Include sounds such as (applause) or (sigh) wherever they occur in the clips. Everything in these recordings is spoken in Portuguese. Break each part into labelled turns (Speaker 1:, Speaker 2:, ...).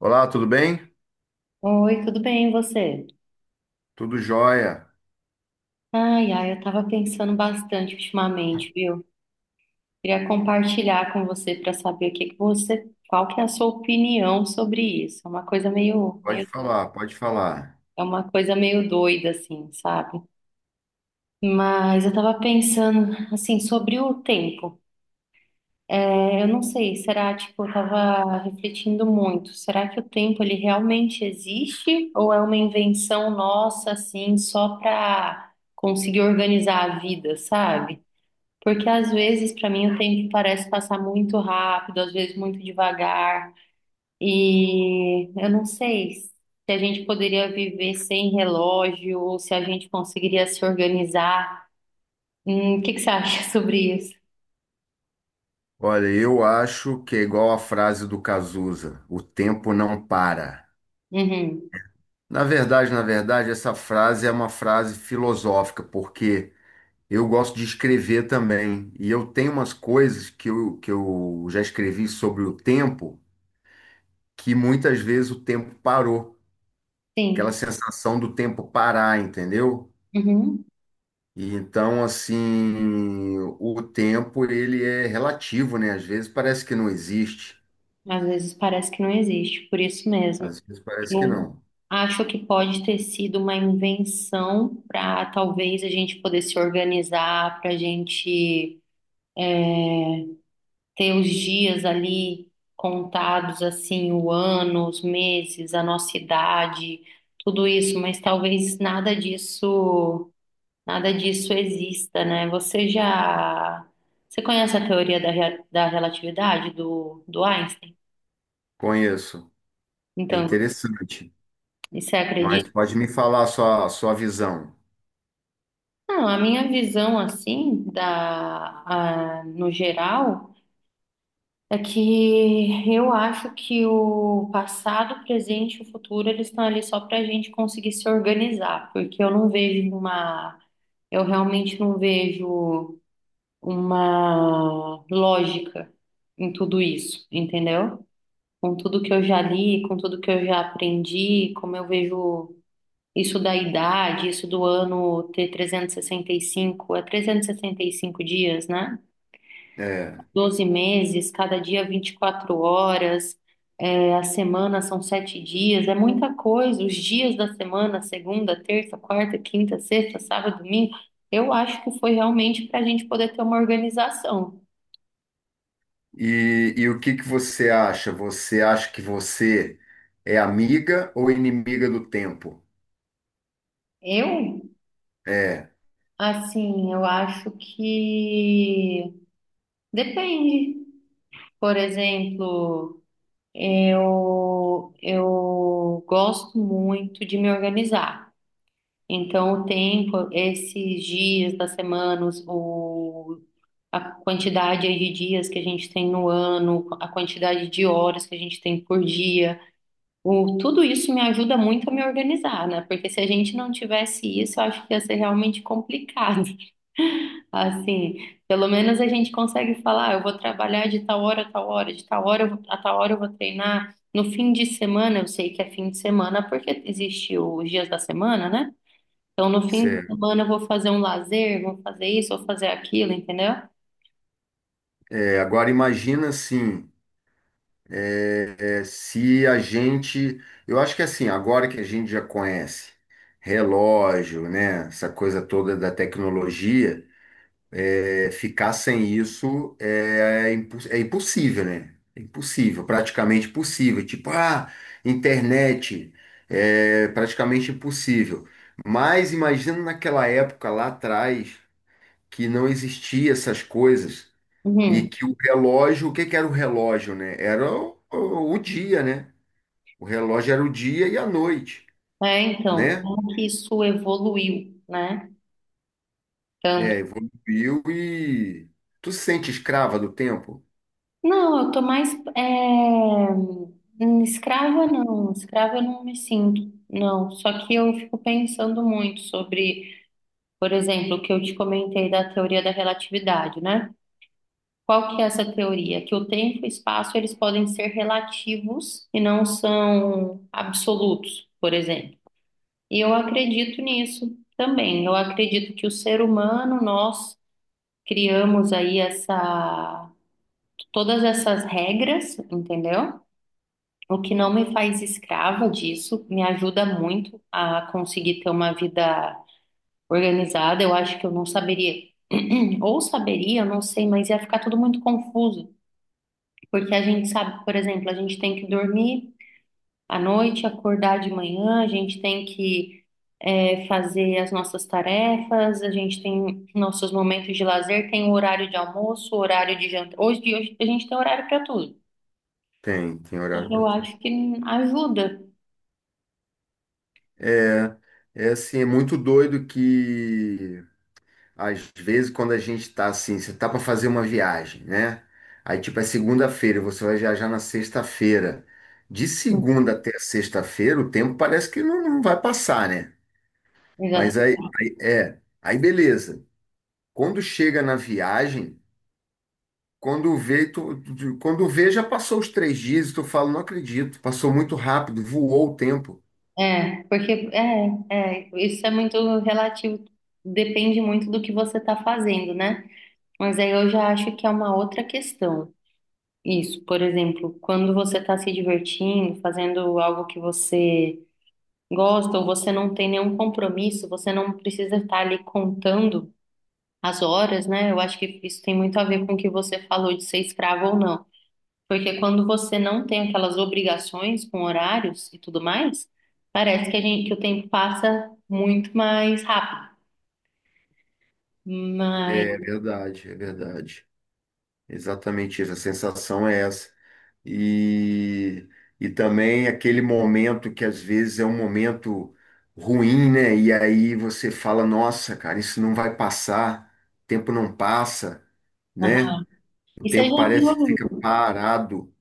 Speaker 1: Olá, tudo bem?
Speaker 2: Oi, tudo bem, e você?
Speaker 1: Tudo jóia.
Speaker 2: Ai, ai, eu tava pensando bastante ultimamente, viu? Queria compartilhar com você para saber o que que você, qual que é a sua opinião sobre isso. é uma coisa meio,
Speaker 1: Pode
Speaker 2: meio,
Speaker 1: falar, pode falar.
Speaker 2: é uma coisa meio doida, assim, sabe? Mas eu tava pensando, assim, sobre o tempo. Eu não sei, será, tipo, eu tava refletindo muito. Será que o tempo, ele realmente existe? Ou é uma invenção nossa, assim, só pra conseguir organizar a vida, sabe? Porque às vezes, para mim, o tempo parece passar muito rápido, às vezes muito devagar. E eu não sei se a gente poderia viver sem relógio, ou se a gente conseguiria se organizar. O que que você acha (laughs) sobre isso?
Speaker 1: Olha, eu acho que é igual a frase do Cazuza, o tempo não para.
Speaker 2: Uhum.
Speaker 1: Na verdade, essa frase é uma frase filosófica, porque eu gosto de escrever também, e eu tenho umas coisas que eu já escrevi sobre o tempo, que muitas vezes o tempo parou, aquela
Speaker 2: Sim.
Speaker 1: sensação do tempo parar, entendeu?
Speaker 2: Uhum.
Speaker 1: E então, assim, o tempo ele é relativo, né? Às vezes parece que não existe,
Speaker 2: Às vezes parece que não existe, por isso mesmo.
Speaker 1: às vezes parece que
Speaker 2: Eu
Speaker 1: não.
Speaker 2: acho que pode ter sido uma invenção para talvez a gente poder se organizar, para a gente ter os dias ali contados, assim, o ano, os meses, a nossa idade, tudo isso, mas talvez nada disso, nada disso exista, né? Você já, você conhece a teoria da relatividade do Einstein?
Speaker 1: Conheço. É
Speaker 2: Então,
Speaker 1: interessante.
Speaker 2: você
Speaker 1: Mas
Speaker 2: acredita?
Speaker 1: pode me falar a sua visão.
Speaker 2: Não, a minha visão, assim, da, a- no geral, é que eu acho que o passado, o presente e o futuro, eles estão ali só para a gente conseguir se organizar, porque eu não vejo uma, eu realmente não vejo uma lógica em tudo isso, entendeu? Com tudo que eu já li, com tudo que eu já aprendi, como eu vejo isso da idade, isso do ano ter trezentos e sessenta e cinco dias, né?
Speaker 1: É.
Speaker 2: 12 meses, cada dia 24 horas. A semana são 7 dias, é muita coisa. Os dias da semana, segunda, terça, quarta, quinta, sexta, sábado, domingo, eu acho que foi realmente para a gente poder ter uma organização.
Speaker 1: E o que que você acha? Você acha que você é amiga ou inimiga do tempo?
Speaker 2: Eu,
Speaker 1: É,
Speaker 2: assim, eu acho que depende. Por exemplo, eu gosto muito de me organizar. Então, o tempo, esses dias da semana, os- o a quantidade aí de dias que a gente tem no ano, a quantidade de horas que a gente tem por dia. O, tudo isso me ajuda muito a me organizar, né? Porque se a gente não tivesse isso, eu acho que ia ser realmente complicado. (laughs) Assim, pelo menos a gente consegue falar, "Ah, eu vou trabalhar de tal hora a tal hora, de tal hora a tal hora eu vou treinar. No fim de semana, eu sei que é fim de semana porque existe os dias da semana, né? Então, no fim de
Speaker 1: certo.
Speaker 2: semana eu vou fazer um lazer, vou fazer isso, vou fazer aquilo, entendeu?
Speaker 1: É, agora imagina assim. É, se a gente, eu acho que assim, agora que a gente já conhece relógio, né, essa coisa toda da tecnologia, é, ficar sem isso é impossível, né? É impossível, praticamente impossível. Tipo, ah, internet, é praticamente impossível. Mas imagina naquela época lá atrás que não existia essas coisas e
Speaker 2: Uhum.
Speaker 1: que o relógio, o que que era o relógio, né? Era o dia, né? O relógio era o dia e a noite,
Speaker 2: É, então,
Speaker 1: né?
Speaker 2: como que isso evoluiu, né?
Speaker 1: É,
Speaker 2: Tanto.
Speaker 1: evoluiu e. Tu se sente escrava do tempo?
Speaker 2: Não, eu tô mais. é, hum, Escrava não, escrava eu não me sinto, não. Só que eu fico pensando muito sobre, por exemplo, o que eu te comentei da teoria da relatividade, né? Qual que é essa teoria? Que o tempo e o espaço eles podem ser relativos e não são absolutos, por exemplo. E eu acredito nisso também. Eu acredito que o ser humano, nós criamos aí essa, todas essas regras, entendeu? O que não me faz escrava disso, me ajuda muito a conseguir ter uma vida organizada. Eu acho que eu não saberia, (clears throat) ou saberia, eu não sei, mas ia ficar tudo muito confuso. Porque a gente sabe, por exemplo, a gente tem que dormir à noite, acordar de manhã, a gente tem que fazer as nossas tarefas, a gente tem nossos momentos de lazer, tem o horário de almoço, o horário de jantar. Hoje, de hoje a gente tem horário para tudo.
Speaker 1: Tem, tem horário para
Speaker 2: Eu
Speaker 1: tudo.
Speaker 2: acho que ajuda.
Speaker 1: É, é assim, é muito doido que às vezes quando a gente tá assim, você tá para fazer uma viagem, né? Aí tipo é segunda-feira, você vai viajar na sexta-feira. De segunda até sexta-feira, o tempo parece que não, não vai passar, né? Mas
Speaker 2: Exato.
Speaker 1: aí, é, aí beleza. Quando chega na viagem. Quando vê, já passou os três dias e tu fala, não acredito, passou muito rápido, voou o tempo.
Speaker 2: É, porque isso é muito relativo, depende muito do que você está fazendo, né? Mas aí eu já acho que é uma outra questão. Isso, por exemplo, quando você está se divertindo, fazendo algo que você gostam, você não tem nenhum compromisso, você não precisa estar ali contando as horas, né? Eu acho que isso tem muito a ver com o que você falou de ser escravo ou não. Porque quando você não tem aquelas obrigações com horários e tudo mais, parece que a gente, que o tempo passa muito mais rápido. Mas,
Speaker 1: É verdade, é verdade. Exatamente isso, a sensação é essa. E, e também aquele momento que às vezes é um momento ruim, né? E aí você fala, nossa, cara, isso não vai passar, o tempo não passa, né?
Speaker 2: aham.
Speaker 1: O
Speaker 2: E você
Speaker 1: tempo
Speaker 2: já
Speaker 1: parece que
Speaker 2: viu
Speaker 1: fica parado.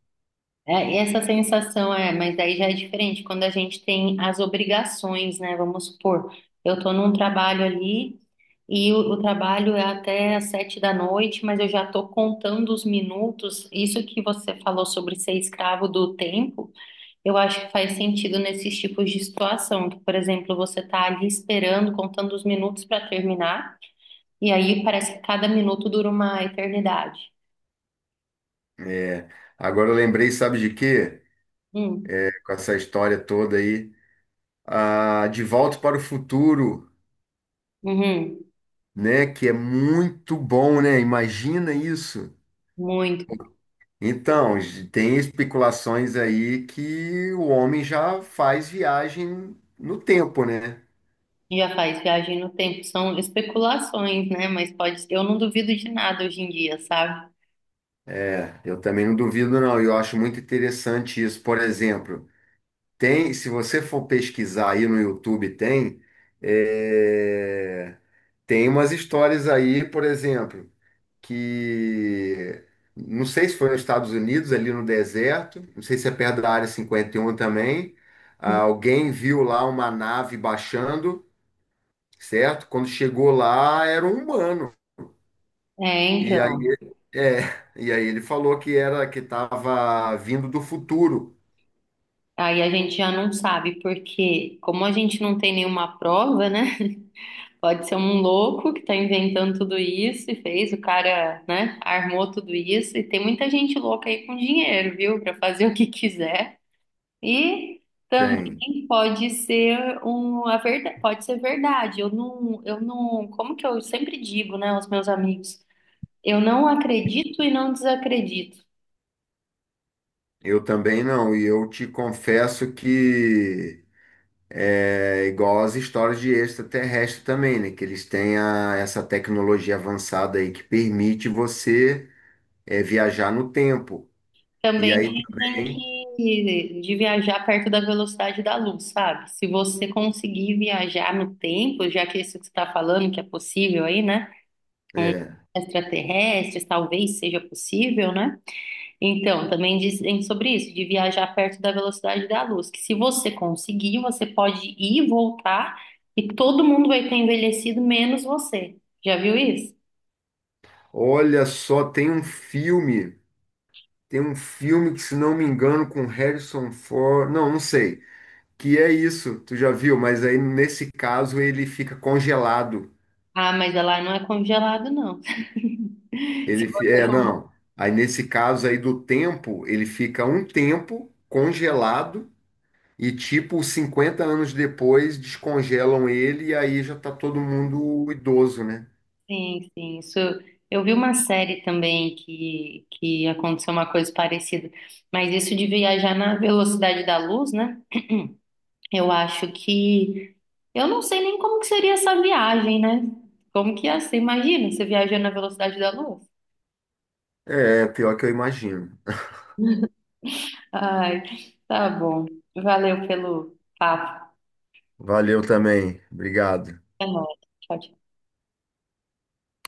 Speaker 2: É, e essa sensação é, mas daí já é diferente quando a gente tem as obrigações, né? Vamos supor, eu estou num trabalho ali e o trabalho é até às 7 da noite, mas eu já estou contando os minutos. Isso que você falou sobre ser escravo do tempo, eu acho que faz sentido nesses tipos de situação, que, por exemplo, você está ali esperando, contando os minutos para terminar, e aí parece que cada minuto dura uma eternidade.
Speaker 1: É, agora eu lembrei, sabe de quê?
Speaker 2: Hum.
Speaker 1: Com essa história toda aí, a De Volta para o Futuro,
Speaker 2: Uhum.
Speaker 1: né? Que é muito bom, né? Imagina isso.
Speaker 2: Muito.
Speaker 1: Então, tem especulações aí que o homem já faz viagem no tempo, né?
Speaker 2: Já faz viagem no tempo. São especulações, né? Mas pode, eu não duvido de nada hoje em dia, sabe?
Speaker 1: É, eu também não duvido, não. Eu acho muito interessante isso. Por exemplo, se você for pesquisar aí no YouTube, é, tem umas histórias aí, por exemplo, que não sei se foi nos Estados Unidos, ali no deserto, não sei se é perto da Área 51 também. Ah, alguém viu lá uma nave baixando, certo? Quando chegou lá, era um humano.
Speaker 2: É,
Speaker 1: E
Speaker 2: então.
Speaker 1: aí, é, e aí, ele falou que era que estava vindo do futuro.
Speaker 2: Aí a gente já não sabe, porque como a gente não tem nenhuma prova, né? (laughs) Pode ser um louco que tá inventando tudo isso e fez, o cara, né, armou tudo isso. E tem muita gente louca aí com dinheiro, viu? Pra fazer o que quiser. E
Speaker 1: Tem.
Speaker 2: também pode ser um, a verdade, pode ser verdade. Eu não, como que eu sempre digo, né, aos meus amigos? Eu não acredito e não desacredito.
Speaker 1: Eu também não, e eu te confesso que é igual as histórias de extraterrestre também, né? Que eles têm essa tecnologia avançada aí que permite você viajar no tempo. E
Speaker 2: Também
Speaker 1: aí
Speaker 2: dizem
Speaker 1: também,
Speaker 2: que de viajar perto da velocidade da luz, sabe? Se você conseguir viajar no tempo, já que isso que você está falando, que é possível aí, né? Com
Speaker 1: é,
Speaker 2: extraterrestres, talvez seja possível, né? Então, também dizem sobre isso, de viajar perto da velocidade da luz, que se você conseguir, você pode ir e voltar e todo mundo vai ter envelhecido, menos você. Já viu isso?
Speaker 1: olha só, tem um filme que, se não me engano, com Harrison Ford, não, não sei, que é isso, tu já viu, mas aí nesse caso ele fica congelado.
Speaker 2: Ah, mas ela não é congelado, não. (laughs) Se
Speaker 1: Ele,
Speaker 2: você...
Speaker 1: não. Aí nesse caso aí do tempo, ele fica um tempo congelado. E, tipo, 50 anos depois, descongelam ele e aí já tá todo mundo idoso, né?
Speaker 2: Sim, sim, isso. Eu vi uma série também que aconteceu uma coisa parecida, mas isso de viajar na velocidade da luz, né? Eu acho que eu não sei nem como que seria essa viagem, né? Como que ia ser? Imagina, você viajando na velocidade da luz.
Speaker 1: É, pior que eu imagino.
Speaker 2: Ai, tá bom. Valeu pelo papo.
Speaker 1: Valeu também. Obrigado.
Speaker 2: Até mais. Tchau, tchau.